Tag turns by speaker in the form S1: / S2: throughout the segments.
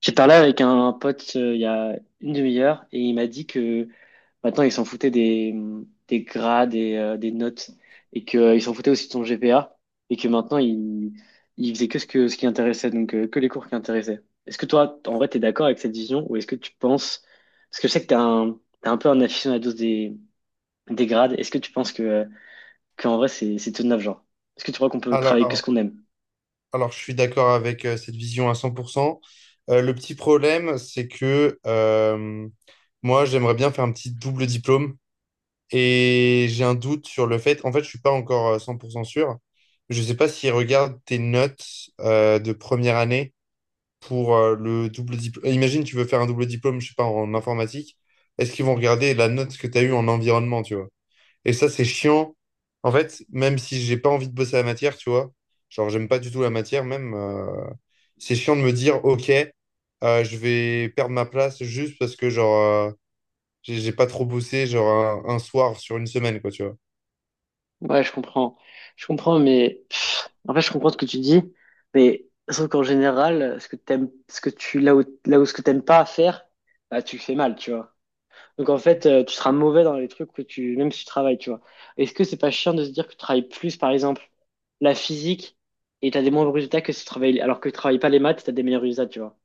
S1: J'ai parlé avec un pote il y a une demi-heure et il m'a dit que maintenant ils s'en foutaient des grades et des notes et que il s'en foutaient aussi de son GPA et que maintenant ils faisaient que ce qui intéressait donc que les cours qui intéressaient. Est-ce que toi en vrai t'es d'accord avec cette vision ou est-ce que tu penses parce que je sais que t'es un peu un aficionado des grades. Est-ce que tu penses que qu'en vrai c'est tout neuf genre? Est-ce que tu crois qu'on peut travailler que ce
S2: Alors,
S1: qu'on aime?
S2: alors, je suis d'accord avec cette vision à 100%. Le petit problème, c'est que moi, j'aimerais bien faire un petit double diplôme et j'ai un doute sur le fait. En fait, je suis pas encore 100% sûr. Je sais pas s'ils regardent tes notes de première année pour le double diplôme. Imagine, tu veux faire un double diplôme, je sais pas, en informatique. Est-ce qu'ils vont regarder la note que tu as eue en environnement, tu vois? Et ça, c'est chiant. En fait, même si j'ai pas envie de bosser la matière, tu vois, genre, j'aime pas du tout la matière, même, c'est chiant de me dire, OK, je vais perdre ma place juste parce que, genre, euh, j'ai pas trop bossé, genre, un soir sur une semaine, quoi, tu vois.
S1: Ouais, je comprends. Je comprends, mais pff, en fait, je comprends ce que tu dis. Mais sauf qu'en général, ce que t'aimes, là où ce que t'aimes pas à faire, bah, tu le fais mal, tu vois. Donc en fait, tu seras mauvais dans les trucs que tu, même si tu travailles, tu vois. Est-ce que c'est pas chiant de se dire que tu travailles plus, par exemple, la physique et t'as des moins bons résultats que si tu travailles, alors que tu travailles pas les maths, t'as des meilleurs résultats, tu vois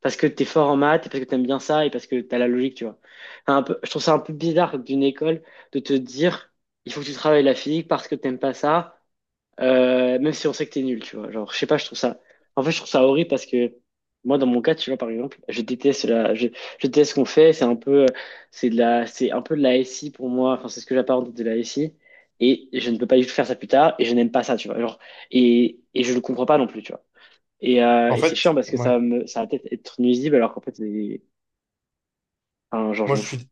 S1: parce que t'es fort en maths, et parce que t'aimes bien ça, et parce que t'as la logique, tu vois. Enfin, un peu, je trouve ça un peu bizarre d'une école de te dire, il faut que tu travailles la physique parce que t'aimes pas ça, même si on sait que t'es nul, tu vois. Genre, je sais pas, je trouve ça, en fait, je trouve ça horrible parce que moi, dans mon cas, tu vois, par exemple, je déteste ce qu'on fait, c'est un peu, c'est un peu de la SI pour moi, enfin, c'est ce que j'apparente de la SI, et je ne peux pas du tout faire ça plus tard, et je n'aime pas ça, tu vois. Genre, et je le comprends pas non plus, tu vois. Et, euh,
S2: En
S1: et c'est
S2: fait,
S1: chiant parce que
S2: ouais.
S1: ça va peut-être être nuisible alors qu'en fait, enfin, genre, je
S2: Moi,
S1: m'en
S2: je
S1: fous.
S2: suis,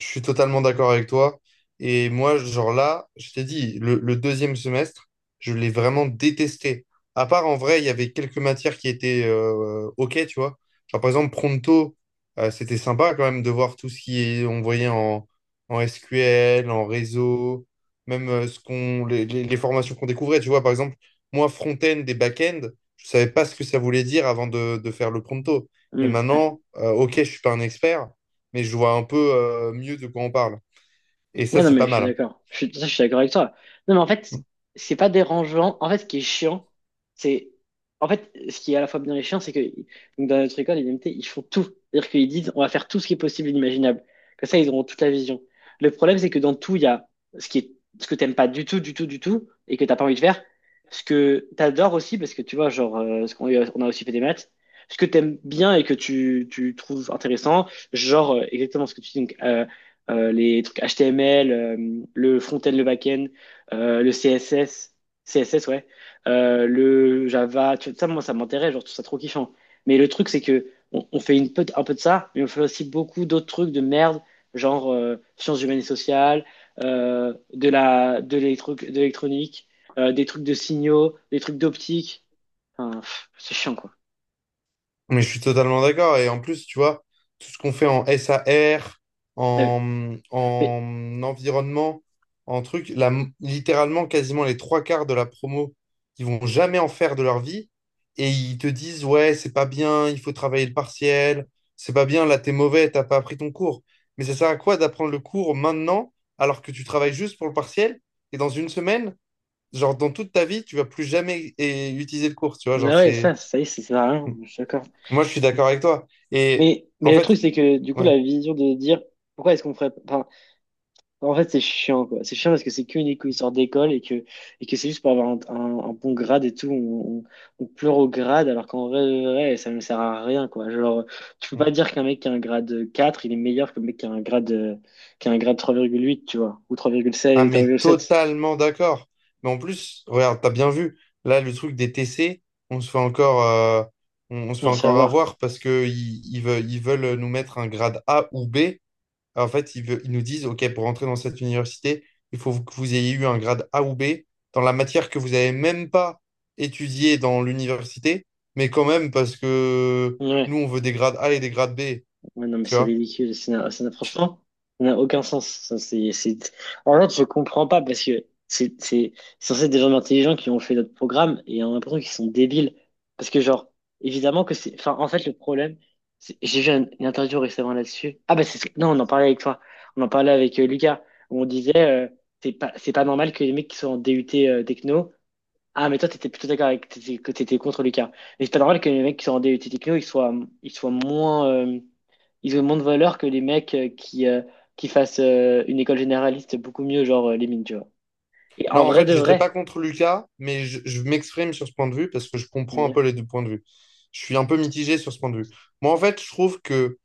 S2: je suis totalement d'accord avec toi. Et moi, genre là, je t'ai dit, le deuxième semestre, je l'ai vraiment détesté. À part, en vrai, il y avait quelques matières qui étaient OK, tu vois. Genre, par exemple, Pronto, c'était sympa quand même de voir tout ce qui est, on voyait en SQL, en réseau, même ce qu'on, les, les formations qu'on découvrait. Tu vois, par exemple, moi, front-end et back-end, je savais pas ce que ça voulait dire avant de faire le Pronto. Et
S1: Hmm.
S2: maintenant, OK, je suis pas un expert mais je vois un peu mieux de quoi on parle. Et
S1: Ouais,
S2: ça,
S1: non,
S2: c'est
S1: mais
S2: pas
S1: je suis
S2: mal.
S1: d'accord. Je suis d'accord avec toi. Non, mais en fait, c'est pas dérangeant. En fait, ce qui est chiant, c'est. En fait, ce qui est à la fois bien et chiant, c'est que donc, dans notre école, les MT, ils font tout. C'est-à-dire qu'ils disent, on va faire tout ce qui est possible et inimaginable. Comme ça, ils auront toute la vision. Le problème, c'est que dans tout, il y a ce qui est, ce que t'aimes pas du tout, du tout, du tout, et que t'as pas envie de faire. Ce que t'adores aussi, parce que tu vois, genre, ce qu'on on a aussi fait des maths. Ce que t'aimes bien et que tu trouves intéressant, genre, exactement ce que tu dis, donc, les trucs HTML, le front-end, le back-end, le CSS, ouais, le Java, tu vois, ça, moi, ça m'intéresse, genre, je trouve ça trop kiffant. Mais le truc, c'est que on fait un peu de ça, mais on fait aussi beaucoup d'autres trucs de merde, genre sciences humaines et sociales, de l'électronique, des trucs de signaux, des trucs d'optique. Enfin, pff, c'est chiant, quoi.
S2: Mais je suis totalement d'accord. Et en plus, tu vois, tout ce qu'on fait en SAR,
S1: Ouais,
S2: en,
S1: mais-
S2: en environnement, en truc, la, littéralement, quasiment les trois quarts de la promo, ils vont jamais en faire de leur vie. Et ils te disent, ouais, c'est pas bien, il faut travailler le partiel, c'est pas bien, là, t'es mauvais, t'as pas appris ton cours. Mais ça sert à quoi d'apprendre le cours maintenant, alors que tu travailles juste pour le partiel, et dans une semaine, genre, dans toute ta vie, tu vas plus jamais utiliser de cours, tu vois. Genre,
S1: ah ouais,
S2: c'est.
S1: ça y est, c'est ça, sert à rien, je suis d'accord.
S2: Moi, je suis d'accord avec toi. Et
S1: Mais,
S2: en
S1: mais le
S2: fait,
S1: truc, c'est que du coup, la
S2: ouais.
S1: vision de dire pourquoi est-ce qu'on ferait. Enfin, en fait, c'est chiant, quoi. C'est chiant parce que c'est qu'une histoire d'école et que c'est juste pour avoir un bon grade et tout. On pleure au grade alors qu'en vrai, de vrai, ça ne sert à rien, quoi. Genre, tu peux pas dire qu'un mec qui a un grade 4 il est meilleur qu'un mec qui a un grade 3,8 tu vois, ou
S2: Ah,
S1: trois
S2: mais
S1: virgule sept
S2: totalement d'accord. Mais en plus, regarde, t'as bien vu, là, le truc des TC, on se fait encore, on se fait
S1: Non, c'est à
S2: encore
S1: voir.
S2: avoir parce que ils veulent nous mettre un grade A ou B. En fait, ils nous disent, OK, pour entrer dans cette université, il faut que vous ayez eu un grade A ou B dans la matière que vous n'avez même pas étudiée dans l'université, mais quand même, parce que nous,
S1: Ouais.
S2: on veut des grades A et des grades B,
S1: Ouais, non, mais
S2: tu
S1: c'est
S2: vois.
S1: ridicule. Ça n'a- franchement, ça n'a aucun sens. Ça, c'est... En fait, je comprends pas parce que c'est censé être des gens intelligents qui ont fait notre programme et on a l'impression qu'ils sont débiles. Parce que, genre, évidemment que c'est. Enfin, en fait, le problème, j'ai vu une interview récemment là-dessus. Ah, bah, non, on en parlait avec toi. On en parlait avec Lucas, où on disait c'est pas normal que les mecs qui sont en DUT techno. Ah, mais toi, t'étais plutôt d'accord avec. Que t'étais contre Lucas. Mais c'est pas normal que les mecs qui sont en DUT techno, ils soient moins. Ils ont moins de valeur que les mecs qui fassent une école généraliste beaucoup mieux, genre les mines, tu vois. Et
S2: Non,
S1: en
S2: en
S1: vrai
S2: fait,
S1: de
S2: j'étais pas
S1: vrai,
S2: contre Lucas, mais je m'exprime sur ce point de vue parce que je
S1: on va
S2: comprends un
S1: dire.
S2: peu les deux points de vue. Je suis un peu mitigé sur ce point de vue. Moi, en fait, je trouve que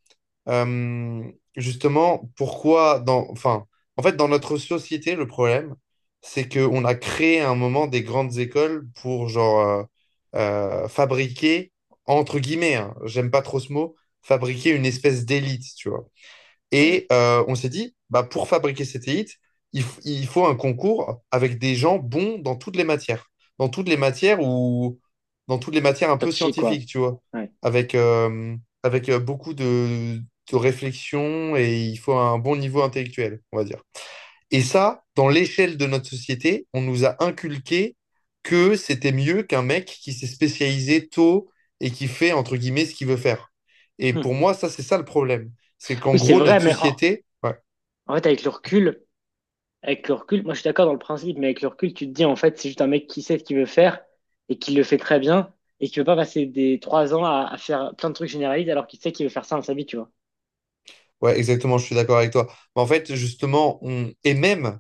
S2: euh, justement, pourquoi dans, enfin, en fait, dans notre société, le problème, c'est qu'on a créé à un moment des grandes écoles pour genre fabriquer, entre guillemets, hein, j'aime pas trop ce mot, fabriquer une espèce d'élite, tu vois.
S1: Ouais.
S2: Et on s'est dit, bah, pour fabriquer cet hits, il faut un concours avec des gens bons dans toutes les matières. Dans toutes les matières ou dans toutes les matières un peu
S1: Scientifique, quoi.
S2: scientifiques, tu vois.
S1: Ouais.
S2: Avec, euh, avec beaucoup de réflexion et il faut un bon niveau intellectuel, on va dire. Et ça, dans l'échelle de notre société, on nous a inculqué que c'était mieux qu'un mec qui s'est spécialisé tôt et qui fait, entre guillemets, ce qu'il veut faire. Et
S1: Hmm.
S2: pour moi, ça, c'est ça le problème. C'est qu'en
S1: Oui, c'est
S2: gros,
S1: vrai,
S2: notre
S1: mais en,
S2: société... Ouais.
S1: en fait, avec le recul, moi je suis d'accord dans le principe, mais avec le recul, tu te dis, en fait, c'est juste un mec qui sait ce qu'il veut faire et qui le fait très bien et qui veut pas passer des 3 ans à faire plein de trucs généralistes alors qu'il sait qu'il veut faire ça dans sa vie, tu vois.
S2: Ouais, exactement, je suis d'accord avec toi. Mais en fait, justement, on... et même,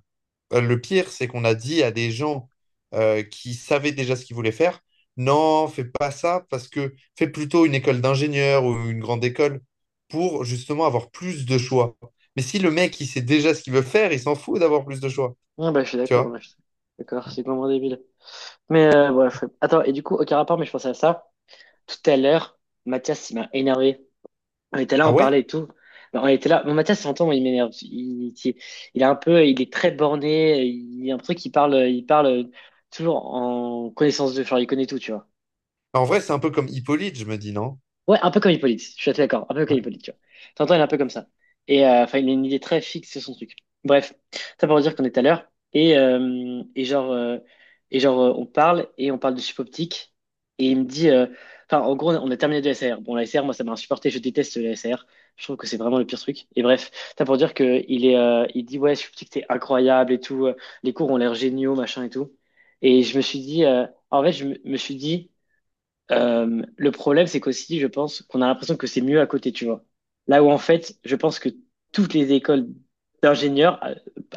S2: Le pire, c'est qu'on a dit à des gens qui savaient déjà ce qu'ils voulaient faire, non, fais pas ça parce que fais plutôt une école d'ingénieur ou une grande école pour justement avoir plus de choix. Mais si le mec, il sait déjà ce qu'il veut faire, il s'en fout d'avoir plus de choix.
S1: Ouais, bah je suis
S2: Tu
S1: d'accord,
S2: vois?
S1: moi, je suis d'accord, c'est complètement débile. Mais bref, attends, et du coup, aucun rapport, mais je pensais à ça tout à l'heure, Mathias, il m'a énervé. On était là,
S2: Ah
S1: on
S2: ouais?
S1: parlait et tout. Ben, on était là. Bon, Mathias, j'entends, moi, il m'énerve. Il est un peu, il est très borné. Il y a un truc, il parle toujours en connaissance de genre, il connaît tout, tu vois.
S2: Bah, en vrai, c'est un peu comme Hippolyte, je me dis, non?
S1: Ouais, un peu comme Hippolyte, je suis assez d'accord, un peu comme
S2: Ouais.
S1: Hippolyte, tu vois. T'entends, il est un peu comme ça. Et enfin, il a une idée très fixe sur son truc. Bref, ça pour dire qu'on est à l'heure. On parle de chip optique. Et il me dit, enfin, en gros, on a terminé de la SAR. Bon, la SAR, moi, ça m'a insupporté, je déteste la SAR. Je trouve que c'est vraiment le pire truc. Et bref, ça pour dire que il dit, ouais, chip optique, c'est incroyable et tout. Les cours ont l'air géniaux, machin et tout. Et je me suis dit, en fait, je me me suis dit, le problème, c'est qu'aussi, je pense qu'on a l'impression que c'est mieux à côté, tu vois. Là où en fait, je pense que toutes les écoles d'ingénieurs,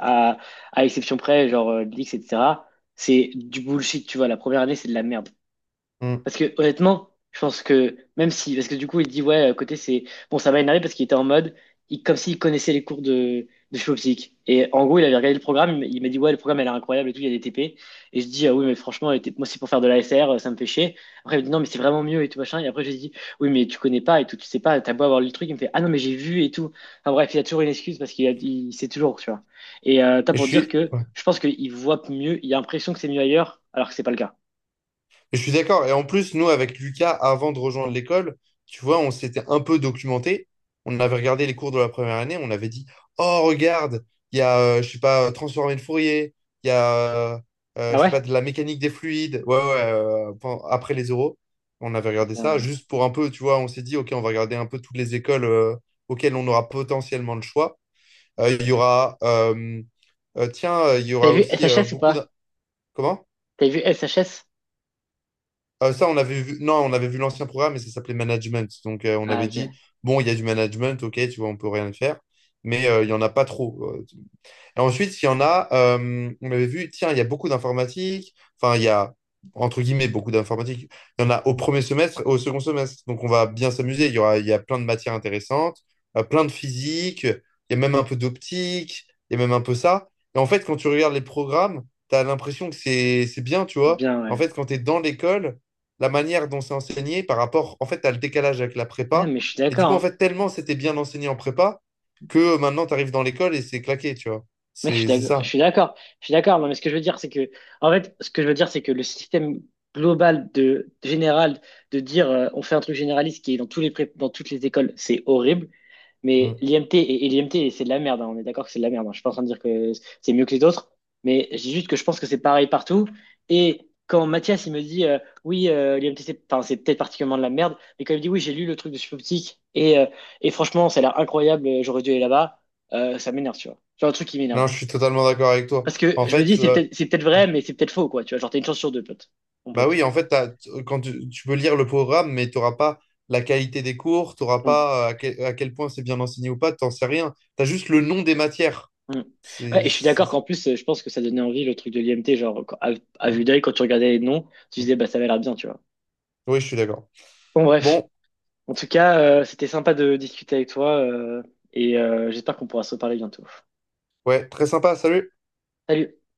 S1: à, à, à exception près, genre l'IX, etc., c'est du bullshit, tu vois. La première année, c'est de la merde.
S2: Mm.
S1: Parce que honnêtement, je pense que même si, parce que du coup, il dit ouais, à côté c'est bon, ça m'a énervé parce qu'il était en mode, comme s'il connaissait les cours de philo psych. Et en gros, il avait regardé le programme, il m'a dit ouais, le programme elle est incroyable et tout, il y a des TP. Et je dis ah oui, mais franchement, les TP moi c'est pour faire de la l'ASR, ça me fait chier. Après il me dit non, mais c'est vraiment mieux et tout machin. Et après je lui dis oui, mais tu connais pas et tout, tu sais pas, t'as beau avoir lu le truc, il me fait ah non, mais j'ai vu et tout. Enfin bref, il a toujours une excuse parce qu'il a, il sait toujours, tu vois. Et t'as
S2: Et je
S1: pour dire
S2: suis...
S1: que je pense qu'il voit mieux, il a l'impression que c'est mieux ailleurs, alors que c'est pas le cas.
S2: Je suis d'accord. Et en plus, nous, avec Lucas, avant de rejoindre l'école, tu vois, on s'était un peu documenté. On avait regardé les cours de la première année. On avait dit, oh, regarde, il y a, je sais pas, transformer de Fourier. Il y a,
S1: Ah
S2: je sais
S1: ouais?
S2: pas, de la mécanique des fluides. Ouais, ouais, après les euros. On avait regardé ça
S1: Putain.
S2: juste pour un peu, tu vois, on s'est dit, OK, on va regarder un peu toutes les écoles auxquelles on aura potentiellement le choix. Il y aura, tiens, il y
S1: T'as
S2: aura
S1: vu S
S2: aussi
S1: H S ou
S2: beaucoup d'un...
S1: pas?
S2: Comment?
S1: T'as vu SHS.
S2: Ça, on avait vu, non, on avait vu l'ancien programme et ça s'appelait management. Donc, on
S1: Ah
S2: avait
S1: ok,
S2: dit, bon, il y a du management, ok, tu vois, on peut rien faire, mais il y en a pas trop. Et ensuite, il y en a, on avait vu, tiens, il y a beaucoup d'informatique, enfin, il y a, entre guillemets, beaucoup d'informatique. Il y en a au premier semestre et au second semestre. Donc, on va bien s'amuser. Il y aura, il y a plein de matières intéressantes, plein de physique, il y a même un peu d'optique, il y a même un peu ça. Et en fait, quand tu regardes les programmes, tu as l'impression que c'est bien, tu vois.
S1: bien
S2: En
S1: ouais.
S2: fait, quand tu es dans l'école, la manière dont c'est enseigné par rapport, en fait, tu as le décalage avec la
S1: Ouais,
S2: prépa.
S1: mais je suis
S2: Et du
S1: d'accord.
S2: coup, en
S1: Hein.
S2: fait, tellement c'était bien enseigné en prépa que maintenant, tu arrives dans l'école et c'est claqué, tu vois.
S1: Mec, je suis
S2: C'est
S1: d'accord, je
S2: ça.
S1: suis d'accord, je suis d'accord. Non, mais ce que je veux dire, c'est que, en fait, ce que je veux dire, c'est que le système global de général de dire on fait un truc généraliste qui est dans dans toutes les écoles, c'est horrible. Mais
S2: Mm.
S1: l'IMT et l'IMT, c'est de la merde. Hein. On est d'accord que c'est de la merde. Hein. Je suis pas en train de dire que c'est mieux que les autres, mais je dis juste que je pense que c'est pareil partout. Et quand Mathias il me dit oui, l'IMT, c'est, enfin, c'est peut-être particulièrement de la merde, mais quand il me dit oui, j'ai lu le truc de Supoptique et franchement, ça a l'air incroyable. J'aurais dû aller là-bas. Ça m'énerve, tu vois. C'est un truc qui m'énerve.
S2: Non, je suis totalement d'accord avec toi.
S1: Parce que
S2: En
S1: je me dis,
S2: fait,
S1: c'est peut-être vrai,
S2: oui.
S1: mais c'est peut-être faux, quoi. Tu vois, genre, t'as une chance sur deux, pote. Mon
S2: Bah
S1: pote.
S2: oui, en fait, quand tu peux lire le programme, mais tu n'auras pas la qualité des cours, tu n'auras
S1: Mm,
S2: pas à quel point c'est bien enseigné ou pas, t'en sais rien. Tu as juste le nom des matières.
S1: mm.
S2: C'est,
S1: Ouais, et je suis d'accord
S2: c'est-
S1: qu'en plus, je pense que ça donnait envie le truc de l'IMT, genre, à vue
S2: voilà.
S1: d'œil, quand tu regardais les noms, tu
S2: Mm.
S1: disais, bah, ça avait l'air bien, tu vois.
S2: Oui, je suis d'accord.
S1: Bon, bref.
S2: Bon,
S1: En tout cas, c'était sympa de discuter avec toi, et j'espère qu'on pourra se reparler bientôt.
S2: ouais, très sympa, salut.
S1: Salut!